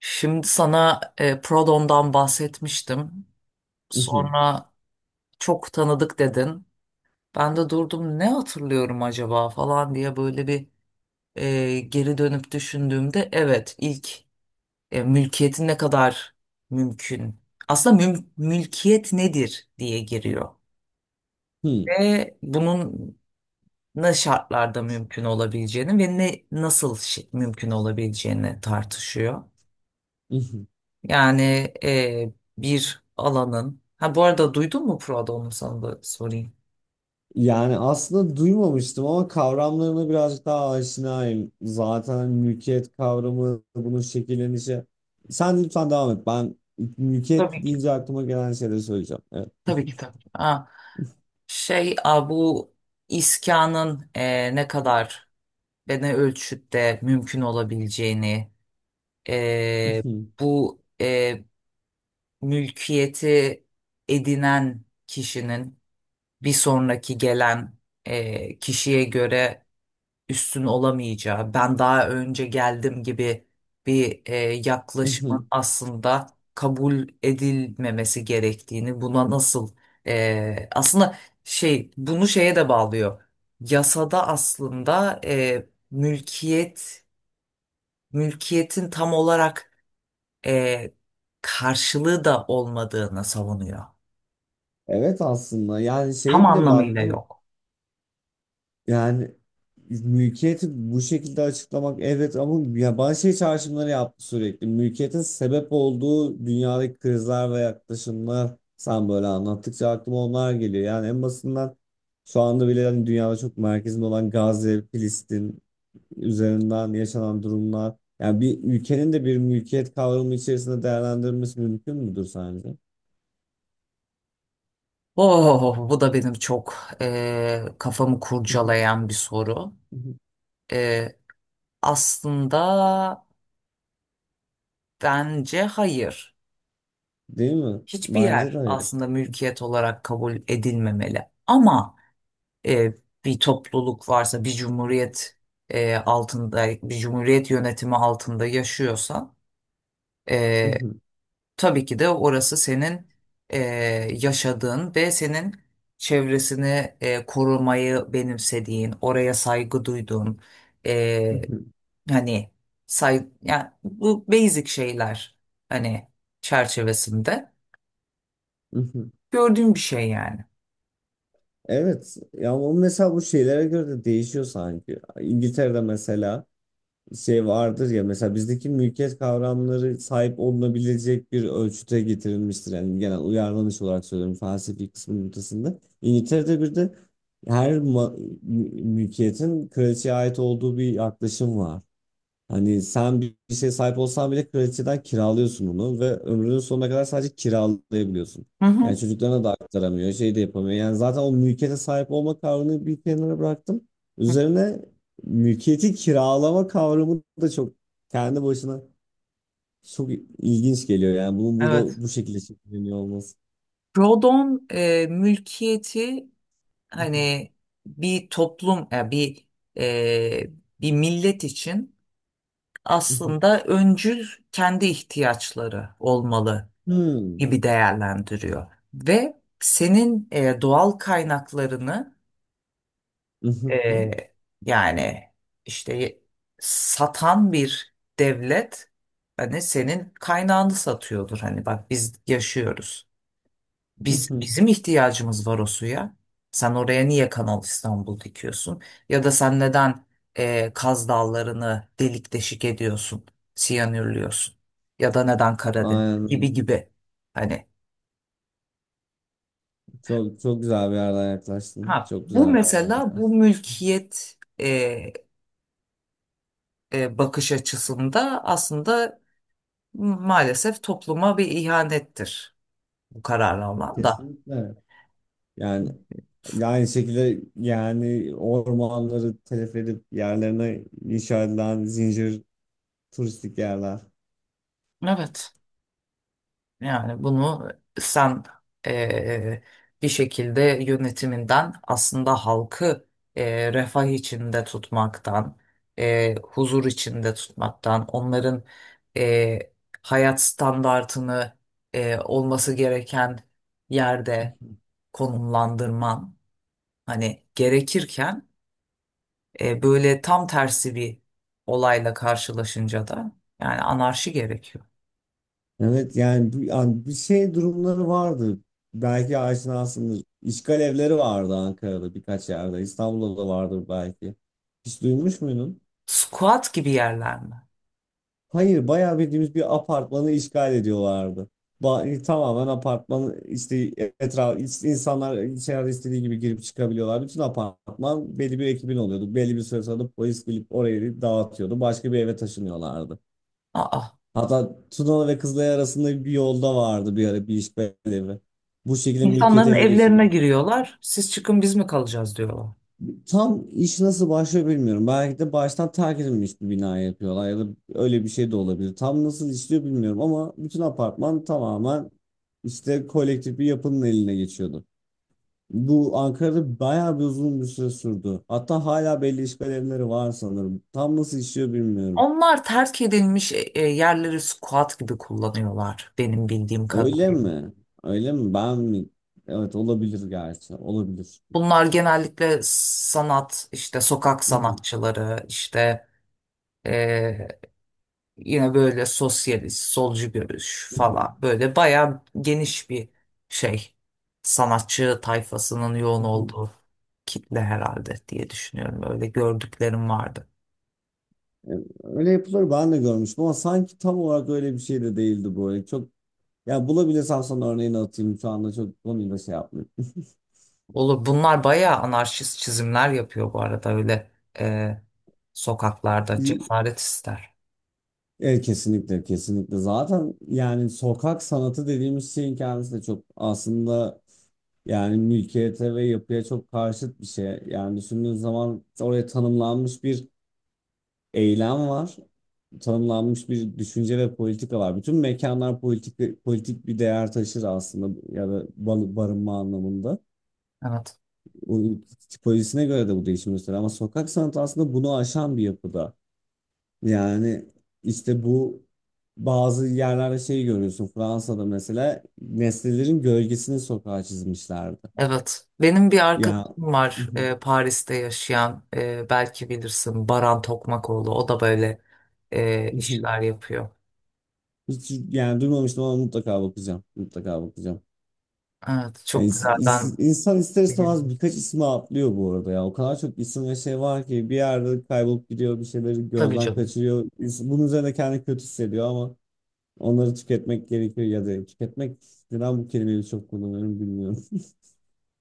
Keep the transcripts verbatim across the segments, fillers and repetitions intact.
Şimdi sana e, Prodon'dan bahsetmiştim. Mhm, Sonra çok tanıdık dedin. Ben de durdum, ne hatırlıyorum acaba falan diye böyle bir e, geri dönüp düşündüğümde evet ilk e, mülkiyetin ne kadar mümkün. Aslında müm- mülkiyet nedir diye giriyor. hı, Ve bunun ne şartlarda mümkün olabileceğini ve ne nasıl şi- mümkün olabileceğini tartışıyor. mhm. Yani e, bir alanın. Ha, bu arada duydun mu Prada, onu sana da sorayım. Yani aslında duymamıştım ama kavramlarına birazcık daha aşinayım. Zaten mülkiyet kavramı, bunun şekillenişi. Sen lütfen devam et. Ben mülkiyet Tabii ki. deyince aklıma gelen şeyleri söyleyeceğim. Evet. Tabii ki, tabii ki. Ha, şey a, bu iskanın e, ne kadar ve ne ölçütte mümkün olabileceğini, e, Mhm, bu e, mülkiyeti edinen kişinin bir sonraki gelen e, kişiye göre üstün olamayacağı, ben daha önce geldim gibi bir e, yaklaşımın mhm. aslında kabul edilmemesi gerektiğini, buna nasıl e, aslında şey bunu şeye de bağlıyor. Yasada aslında e, mülkiyet mülkiyetin tam olarak e, karşılığı da olmadığını savunuyor. Evet aslında yani Tam şeye bile anlamıyla baktım. yok. Yani mülkiyeti bu şekilde açıklamak evet ama ya bana şey çağrışımları yaptı sürekli. Mülkiyetin sebep olduğu dünyadaki krizler ve yaklaşımlar, sen böyle anlattıkça aklıma onlar geliyor. Yani en basından şu anda bile hani dünyada çok merkezinde olan Gazze, Filistin üzerinden yaşanan durumlar. Yani bir ülkenin de bir mülkiyet kavramı içerisinde değerlendirilmesi mümkün müdür sence? Oh, bu da benim çok eee, kafamı kurcalayan bir soru. Eee, Aslında bence hayır. Değil mi? Hiçbir Bence de yer hayır. aslında mülkiyet olarak kabul edilmemeli. Ama eee, bir topluluk varsa, bir cumhuriyet eee, altında, bir cumhuriyet yönetimi altında yaşıyorsan Ee, tabii ki de orası senin e, yaşadığın ve senin çevresini e, korumayı benimsediğin, oraya saygı duyduğun, e, hani say, yani bu basic şeyler hani çerçevesinde gördüğüm bir şey yani. Evet ya, o mesela bu şeylere göre de değişiyor sanki. İngiltere'de mesela şey vardır ya, mesela bizdeki mülkiyet kavramları sahip olunabilecek bir ölçüte getirilmiştir. Yani genel uyarlanış olarak söylüyorum, felsefi kısmın ortasında. İngiltere'de bir de her ma- mü- mülkiyetin kraliçeye ait olduğu bir yaklaşım var. Hani sen bir bir şeye sahip olsan bile kraliçeden kiralıyorsun onu ve ömrünün sonuna kadar sadece kiralayabiliyorsun. Hı Yani hı. çocuklarına da aktaramıyor, şey de yapamıyor. Yani zaten o mülkiyete sahip olma kavramını bir kenara bıraktım. Hı. Üzerine mülkiyeti kiralama kavramı da çok kendi başına çok ilginç geliyor. Yani bunun Evet. burada bu şekilde şekilleniyor olması. Rodon e, mülkiyeti hani bir toplum, ya bir e, bir millet için. Aslında öncül kendi ihtiyaçları olmalı Hmm. gibi değerlendiriyor. Ve senin e, doğal kaynaklarını e, yani işte satan bir devlet, hani senin kaynağını satıyordur. Hani bak, biz yaşıyoruz. Biz, bizim ihtiyacımız var o suya. Sen oraya niye Kanal İstanbul dikiyorsun? Ya da sen neden e, Kaz Dağları'nı delik deşik ediyorsun, siyanürlüyorsun? Ya da neden Karadeniz gibi Aynen. gibi. Hani, Çok çok güzel bir yerden yaklaştın. ha Çok bu güzel bir yerden mesela yaklaştın. bu mülkiyet e, e, bakış açısında aslında maalesef topluma bir ihanettir bu kararlı olan da. Kesinlikle. Yani aynı şekilde yani ormanları telef edip yerlerine inşa edilen zincir turistik yerler. Evet. Yani bunu sen eee, bir şekilde yönetiminden aslında halkı eee, refah içinde tutmaktan, eee, huzur içinde tutmaktan, onların eee, hayat standartını eee, olması gereken yerde konumlandırman hani gerekirken eee, böyle tam tersi bir olayla karşılaşınca da yani anarşi gerekiyor. Evet yani, bu- yani bir şey durumları vardı. Belki aşinasındır. İşgal evleri vardı Ankara'da birkaç yerde. İstanbul'da da vardır belki. Hiç duymuş muydun? Squat gibi yerler mi? Hayır, bayağı bildiğimiz bir apartmanı işgal ediyorlardı. Ba- tamamen apartman işte, etraf işte, insanlar içeride istediği gibi girip çıkabiliyorlar. Bütün apartman belli bir ekibin oluyordu. Belli bir süre sonra da polis gelip orayı dağıtıyordu. Başka bir eve taşınıyorlardı. Aa. Hatta Tunalı ve Kızılay arasında bir yolda vardı bir ara bir işgal evi. Bu şekilde mülkiyeti İnsanların ele evlerine geçiriyorlardı. giriyorlar. Siz çıkın biz mi kalacağız diyorlar. Tam iş nasıl başlıyor bilmiyorum. Belki de baştan terk edilmiş bir bina yapıyorlar ya da öyle bir şey de olabilir. Tam nasıl işliyor bilmiyorum ama bütün apartman tamamen işte kolektif bir yapının eline geçiyordu. Bu Ankara'da bayağı bir uzun bir süre sürdü. Hatta hala belli işgal evleri var sanırım. Tam nasıl işliyor bilmiyorum. Onlar terk edilmiş e, e, yerleri squat gibi kullanıyorlar benim bildiğim Öyle kadarıyla. mi? Öyle mi? Ben mi? Evet, olabilir gerçi. Olabilir. Bunlar genellikle sanat, işte sokak sanatçıları, işte e, yine böyle sosyalist, solcu görüş falan. Böyle bayağı geniş bir şey. Sanatçı tayfasının yoğun olduğu kitle herhalde diye düşünüyorum. Öyle gördüklerim vardı. Öyle yapılır, ben de görmüştüm ama sanki tam olarak öyle bir şey de değildi böyle. Çok. Ya bulabilirsem sana örneğini atayım. Şu anda çok konuyla şey yapmıyorum. Olur. Bunlar bayağı anarşist çizimler yapıyor bu arada, öyle e, sokaklarda cesaret ister. Evet, kesinlikle kesinlikle. Zaten yani sokak sanatı dediğimiz şeyin kendisi de çok aslında yani mülkiyete ve yapıya çok karşıt bir şey. Yani düşündüğün zaman oraya tanımlanmış bir eylem var. Tanımlanmış bir düşünce ve politika var. Bütün mekanlar politik, politik bir değer taşır aslında, ya da bar- barınma anlamında. Evet. O tipolojisine göre de bu değişim gösteriyor. Ama sokak sanatı aslında bunu aşan bir yapıda. Yani işte bu bazı yerlerde şey görüyorsun. Fransa'da mesela nesnelerin gölgesini sokağa çizmişlerdi. Evet. Benim bir Ya, arkadaşım var e, Paris'te yaşayan, e, belki bilirsin, Baran Tokmakoğlu. O da böyle e, işler yapıyor. hiç yani duymamıştım ama mutlaka bakacağım. Mutlaka bakacağım. Evet. Yani Çok ins- güzel. ins- Ben insan ister istemez benim, birkaç ismi atlıyor bu arada ya. O kadar çok isim ve şey var ki bir yerde kaybolup gidiyor, bir şeyleri tabii gözden canım. kaçırıyor. İns- Bunun üzerine kendi kötü hissediyor ama onları tüketmek gerekiyor ya da tüketmek, neden bu kelimeyi çok kullanıyorum bilmiyorum.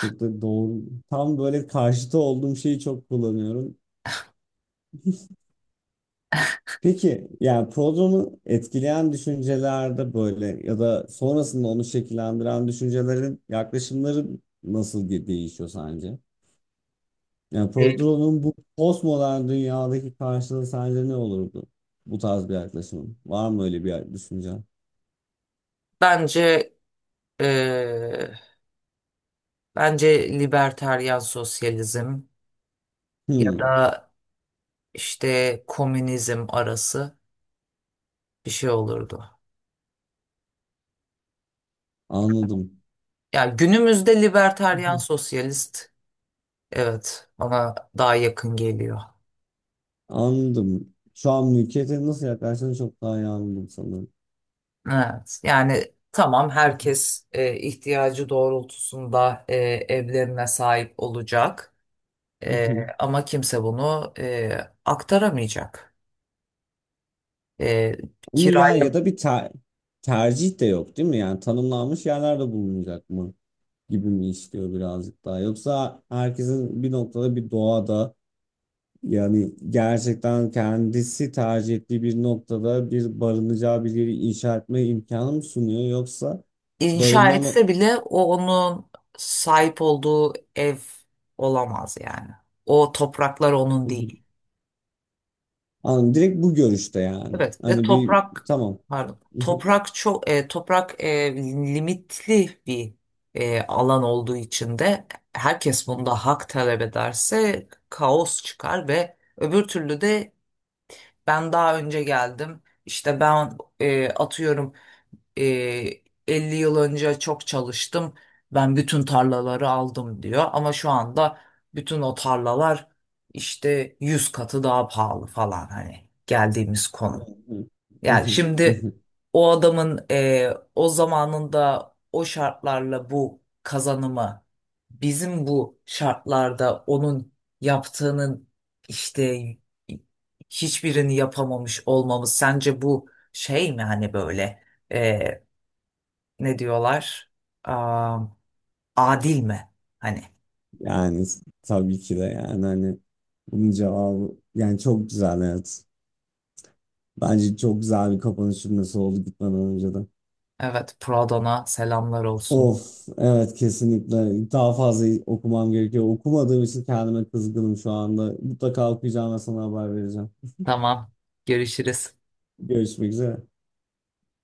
Çok da doğru. Tam böyle karşıtı olduğum şeyi çok kullanıyorum. Peki yani programı etkileyen düşüncelerde böyle ya da sonrasında onu şekillendiren düşüncelerin yaklaşımları nasıl ge- değişiyor sence? Yani E, programın bu postmodern dünyadaki karşılığı sence ne olurdu? Bu tarz bir yaklaşımın. Var mı öyle bir düşünce? bence e, bence liberteryan sosyalizm ya Hmm, da işte komünizm arası bir şey olurdu. anladım. Ya günümüzde libertaryen sosyalist, evet, bana daha yakın geliyor. Anladım. Şu an mülkiyete nasıl yaklaştığını çok daha iyi anladım sanırım. Evet yani tamam, herkes e, ihtiyacı doğrultusunda e, evlerine sahip olacak, E, ama kimse bunu e, aktaramayacak. E, Ama ya ya kiraya da bir ter- tercih de yok değil mi? Yani tanımlanmış yerlerde bulunacak mı gibi mi istiyor birazcık daha? Yoksa herkesin bir noktada bir doğada yani gerçekten kendisi tercih ettiği bir noktada bir barınacağı bir yeri inşa etme imkanı mı sunuyor? Yoksa inşa barınma no- etse bile o onun sahip olduğu ev olamaz yani. O topraklar onun değil. Anladım, direkt bu görüşte yani. Evet, ve Hani bir, toprak, tamam. pardon, toprak çok e, toprak e, limitli bir e, alan olduğu için de herkes bunda hak talep ederse kaos çıkar. Ve öbür türlü de ben daha önce geldim, işte ben, e, atıyorum, e, elli yıl önce çok çalıştım, ben bütün tarlaları aldım diyor, ama şu anda bütün o tarlalar işte yüz katı daha pahalı falan, hani geldiğimiz konum. Yani şimdi o adamın eee, o zamanında o şartlarla bu kazanımı, bizim bu şartlarda onun yaptığının işte hiçbirini yapamamış olmamız, sence bu şey mi, hani böyle eee, ne diyorlar, Aa, adil mi? Hani Yani tabii ki de yani hani bunun cevabı yani çok güzel, evet. Bence çok güzel bir kapanış cümlesi oldu gitmeden önce de. evet, Pradon'a selamlar olsun. Of, evet, kesinlikle daha fazla okumam gerekiyor. Okumadığım için kendime kızgınım şu anda. Mutlaka okuyacağım ve sana haber vereceğim. Tamam, görüşürüz. Görüşmek üzere.